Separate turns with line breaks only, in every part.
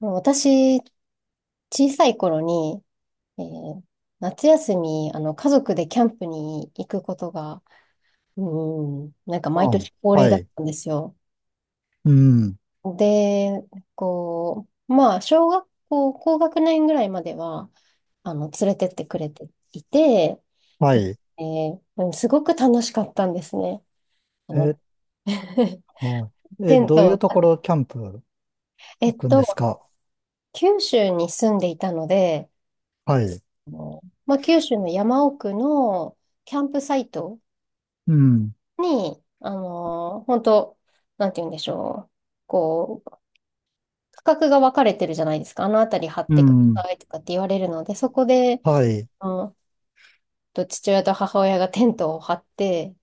私、小さい頃に、えー夏休み、家族でキャンプに行くことが、うん、なんか毎
あ、
年恒例
は
だっ
い。
たんですよ。
うん。
で、まあ、小学校、高学年ぐらいまでは、連れてってくれていて、
はい。
すごく楽しかったんですね。あ
え、
の
はい。
テ
え、
ン
どう
ト
い
を
うと
立
こ
てて、
ろキャンプ
え
行
っ
くんです
と、
か？
九州に住んでいたので、
はい。
あのまあ、九州の山奥のキャンプサイト
うん。
に、本当なんて言うんでしょう。こう、価格が分かれてるじゃないですか。あの辺り張っ
う
てくだ
ん。
さいとかって言われるので、そこで、
はい。
あの、と父親と母親がテントを張って、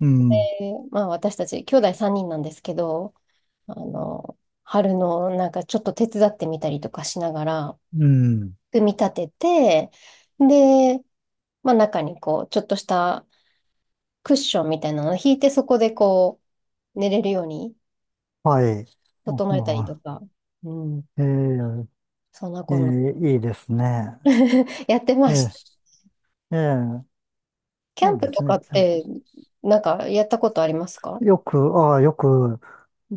う
で、
ん。
まあ私たち、兄弟3人なんですけど、あの、春のなんかちょっと手伝ってみたりとかしながら、
うん。
組み立てて、で、まあ中にちょっとしたクッションみたいなのを引いて、そこで寝れるように
はい。
整えたりと
ああ、
か、うん、
えー
そんな
え
こんな
いいですね。
やって
え
ました。
ーえー
キャ
そ
ン
うで
プと
す
か
ね。
って、なんかやったことありますか？
よく、ああ、よく、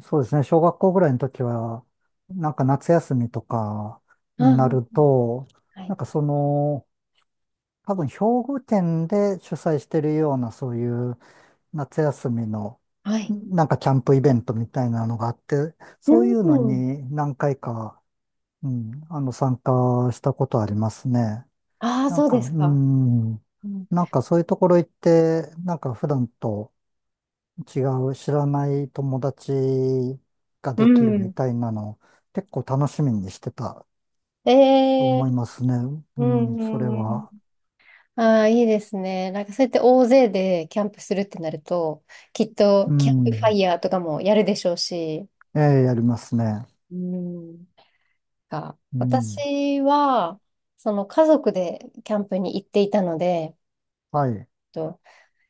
そうですね。小学校ぐらいの時は、なんか夏休みとか
あ
になる
あ、
と、
は
なん
い。
かその、多分、兵庫県で主催してるような、そういう夏休みの、
はい。
なんかキャンプイベントみたいなのがあって、
う
そういうの
ん。
に何回か、うん、あの、参加したことありますね。
ああ、
なん
そう
か、
です
う
か。
ん、
うん。
なんかそういうところ行って、なんか普段と違う知らない友達が
う
できるみ
ん
たいなの、結構楽しみにしてた
え
と
え
思いますね。
う
うん、
ん、
それ
うんうん。
は。
ああ、いいですね。なんかそうやって大勢でキャンプするってなると、きっ
う
とキャンプファ
ん、
イヤーとかもやるでしょうし、
ええ、やりますね。
うん。
うん。
私は、その家族でキャンプに行っていたので、えっ
はい。
と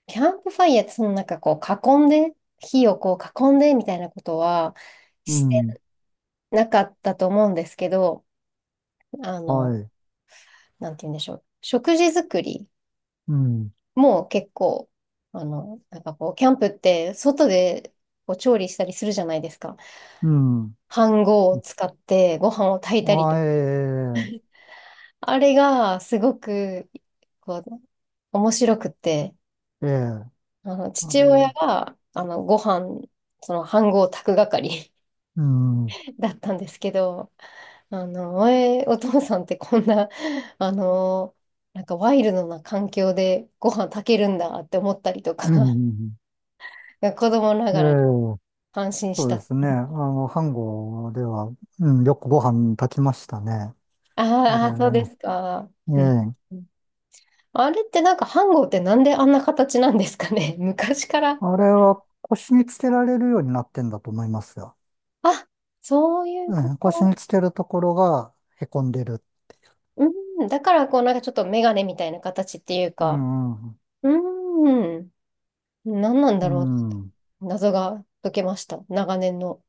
キャンプファイヤー、そのなんかこう囲んで、火をこう囲んでみたいなことは
う
して
ん。
なかったと思うんですけど、あ
は
の、
い。
なんて言うんでしょう。食事作り
うん。
も結構、なんかキャンプって外でこう調理したりするじゃないですか。
うん。
飯盒を使ってご飯を炊いたり
あ、
と。
え
あれがすごく、こう、面白くて、
え、ええ、あ
父親
れ、
が、ご飯、飯盒炊く係
うん。う
だったんですけど、前、お父さんってこんな、あの、なんかワイルドな環境でご飯炊けるんだって思ったりとか、
ん。
子供な
ええ、
がらに感心し
そうで
た。
すね。あの、飯盒では、うん、よくご飯炊きましたね。
あ
あれ
ーあー、そうで
ね。
すか。
え
うん
え。
うん。あれってなんか飯盒ってなんであんな形なんですかね 昔から。
あれは腰につけられるようになってんだと思いますよ。
あ、そういうこ
うん、腰
と。
につけるところがへこんでる。
うん、だからこうなんかちょっとメガネみたいな形っていう
う
か、
ん。うん。
うーん。何なんだ
う
ろう。
ん。
謎が解けました。長年の。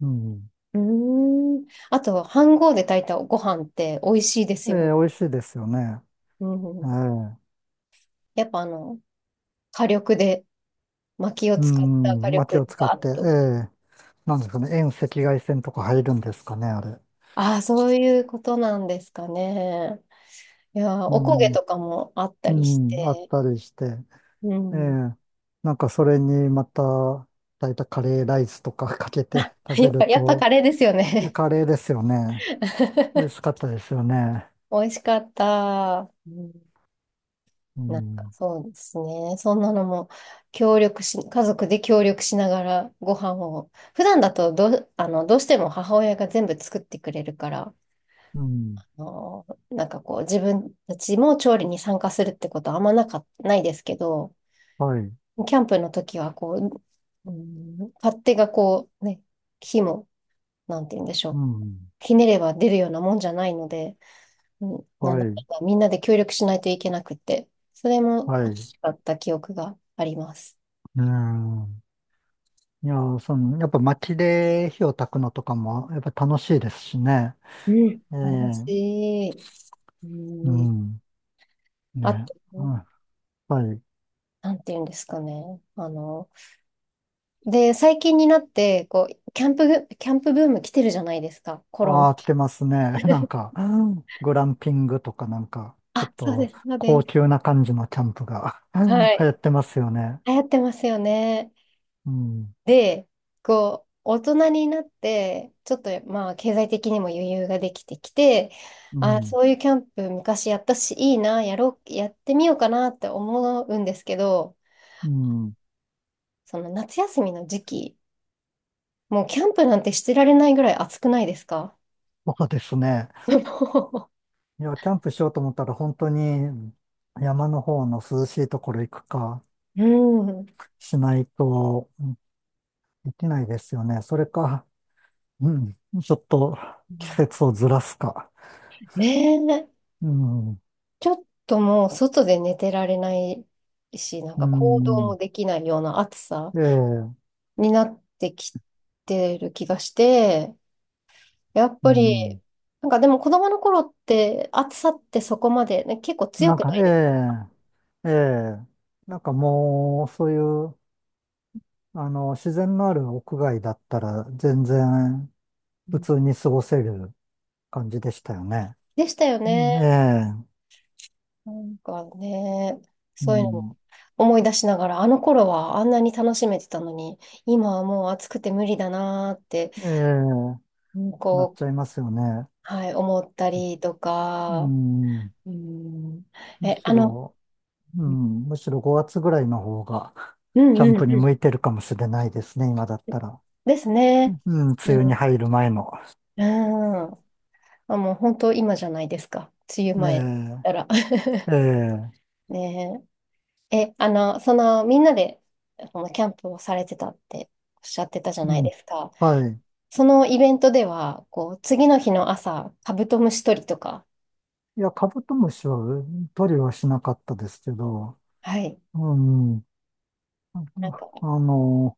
うん、
うーん。あと、飯盒で炊いたご飯って美味しいです
え
よ
え、
ね。
美味しいですよね。
う
え
ん。
え。
やっぱ火力で、薪を
うー
使った火
ん、
力
薪
で
を使
ガ
っ
ーッ
て、え
と。
え、なんですかね、遠赤外線とか入るんですかね、あれ。
ああ、そういうことなんですかね。いやー、
う
おこげ
ん、
とかもあった
う
りし
ん、あっ
て。
たりして、
う
え
ん。
え、なんかそれにまた、炊いたカレーライスとか かけ
あ、
て 食べる
やっぱカ
と、
レーですよね。
カレーですよね。美味 しかったですよね。
美味しかった。うん。
う
なんか
ん、
そうですね。そんなのも協力し、家族で協力しながらご飯を、普段だとどうしても母親が全部作ってくれるから、
うん、
あの、なんかこう自分たちも調理に参加するってことはあんまないですけど、
はい、
キャンプの時はこう、勝手がこうね、火も、なんて言うんでしょ
う
う。
ん、
ひねれば出るようなもんじゃないので、うん、なん
は
だか
い、
んだみんなで協力しないといけなくて、それも楽
はい。
しかった記憶があります。
うん、いやー、その、やっぱ薪で火を焚くのとかも、やっぱ楽しいですしね。
うん。
ええ、
楽しい。う
う
ん、
ん。
あ
ね。
と、
うん、はい。
なんていうんですかね。で、最近になって、キャンプブーム来てるじゃないですか、コロナ。
ああ、来てますね。なん か、グランピングとかなんか、ちょ
あ、
っ
そうで
と
す、そう
高
です。
級な感じのキャンプが
は
流行っ
い。
てますよね。
流行ってますよね。
うん。
で、大人になって、ちょっとまあ、経済的にも余裕ができてきて、
う
あ、
ん。
そういうキャンプ昔やったし、いいな、やろう、やってみようかなって思うんですけど、
うん。
その夏休みの時期、もうキャンプなんてしてられないぐらい暑くないですか？
そうですね。
も
いや、キャンプしようと思ったら本当に山の方の涼しいところ行くか
う、うん。
しないとできないですよね。それか、うん。ちょっと季節をずらすか。
ねえ、
うん。
ちょっともう外で寝てられないし、なん
う
か行動
ん。
もできないような暑さ
ええ。
になってきてる気がして、やっ
う
ぱり、
ん。
なんかでも子供の頃って暑さってそこまで、ね、結構強
な
く
んか、
ないです？
ええ、ええ、なんかもう、そういう、あの、自然のある屋外だったら、全然、
う
普
ん、
通に過ごせる感じでしたよね。
でしたよ
うん、え
ね。
え、
なんかね、
う
そういうのも
ん、
思い出しながら、あの頃はあんなに楽しめてたのに、今はもう暑くて無理だなーって、
ええ、
うん
なっちゃいますよね。
はい、思ったりと
う
か、
ん、
うん、
む
え、
しろ、う
うん
ん、むしろ5月ぐらいの方が、
う
キ
ん
ャン
う
プに
ん。
向いてるかもしれないですね、今だったら。
です
う
ね。
ん、梅雨
う
に
ん。
入る前の。
うん。あ、もう本当今じゃないですか。梅雨
え
前だったら。
え、ええ、
ねえ。え、その、みんなで、その、キャンプをされてたっておっしゃってたじゃ
う
ない
ん、
ですか。
はい。
そのイベントでは、次の日の朝、カブトムシ取りとか、
いや、カブトムシは取りはしなかったですけど、
はい。
うん。
なんか、
あの、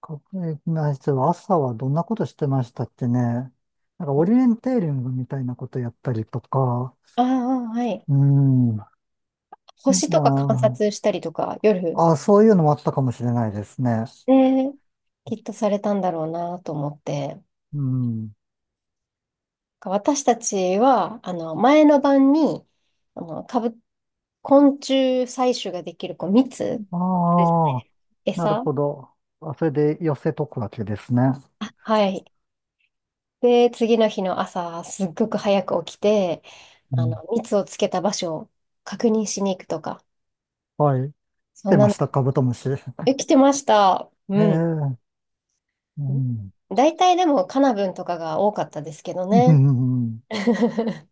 かえな朝はどんなことしてましたっけね。なんかオリエンテーリングみたいなことやったりとか、
ああ、はい。
うん。ま
星とか観察したりとか、夜、
あ、あ、そういうのもあったかもしれないですね。
ね、きっとされたんだろうなと思って。なん
うん。
か私たちは、前の晩に、あの、カブ、昆虫採取ができる、蜜、あるじゃな
あ
い
あ、
です
なる
か？餌、
ほど。あ、それで寄せとくわけですね。
はい。で、次の日の朝、すっごく早く起きて、
うん。
蜜をつけた場所を確認しに行くとか、
はい。
そん
出
な
まし
の、
た、カブトムシ。へ
え、来てました。うん。
え。うん。
大体でもカナブンとかが多かったですけど
う
ね。
ん。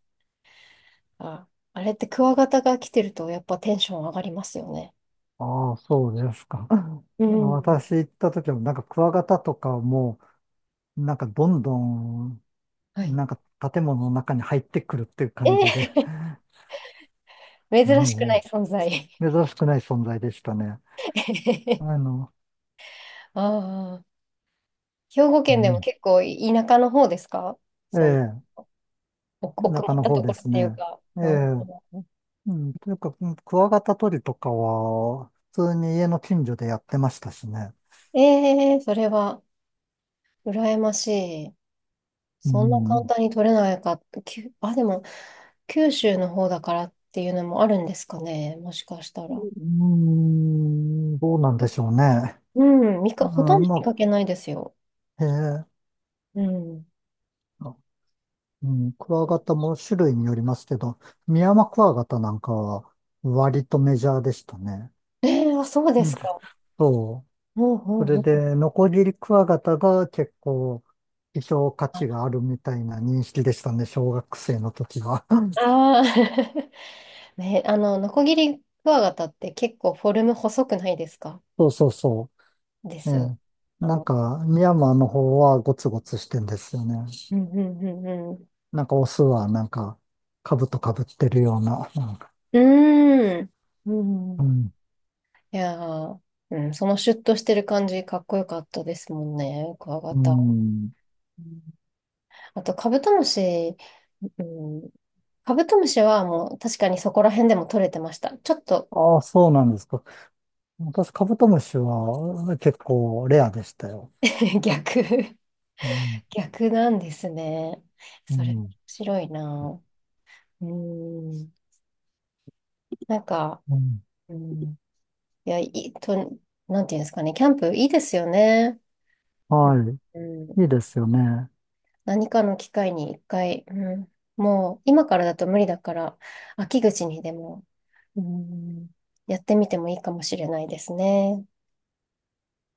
あ、あれってクワガタが来てるとやっぱテンション上がりますよね。
ああ、そうですか。
うん。
私行った時は、なんかクワガタとかも、なんかどんどん、
はい。
なんか建物の中に入ってくるっていう
え
感じで、
ー 珍しくない
も
存在
う、珍しくない存在でしたね。あ の、
ああ、兵庫
う
県でも
ん、
結構田舎の方ですか？
え
その。
え、
奥奥
田
ま
舎
っ
の
た
方
とこ
で
ろっ
す
ていう
ね。
か。
え
う
え、
ん
うん、というか、クワガタ取りとかは、普通に家の近所でやってましたしね。
ええ、それは羨ましい。
う
そんな簡
ん、
単に取れないか。あ、でも、九州の方だからっていうのもあるんですかね。もしかした
うー
ら。
ん、どうなんでしょうね。
うん、
う
ほとん
ん、
ど見
ま
かけないですよ。
あ、え
うん。
え、うん、クワガタも種類によりますけど、ミヤマクワガタなんかは割とメジャーでしたね。
ええあ、そうで
うん、
すか。
そ
うんう
う。そ
ん
れ
うん。
で、ノコギリクワガタが結構希少価値があるみたいな認識でしたね、小学生の時は。
ああー、ね、ノコギリクワガタって結構フォルム細くないですか？
そうそうそ
で
う。え
すよ。
え。
あ
なん
の、
か、ミヤマーの方はゴツゴツしてんですよね。
うんうんうんうん
なんかオスはなんか、兜かぶってるような。なんか、
うーん。う
う
ん。
ん。
いやー、うん、そのシュッとしてる感じ、かっこよかったですもんね。クワガ
う
タ。
ん。
うん。あと、カブトムシ、うん、カブトムシはもう確かにそこら辺でも取れてました。ちょっと
ああ、そうなんですか。私、カブトムシは結構レアでしたよ。
逆、
うん、
逆なんですね。
う
それ面
ん、
白いな。うん。なんか、
うん。
うん、いや、いいと、なんていうんですかね、キャンプいいですよね。
は
う
い。いい
ん。
ですよね。
何かの機会に一回、もう今からだと無理だから、秋口にでも、うん、やってみてもいいかもしれないですね。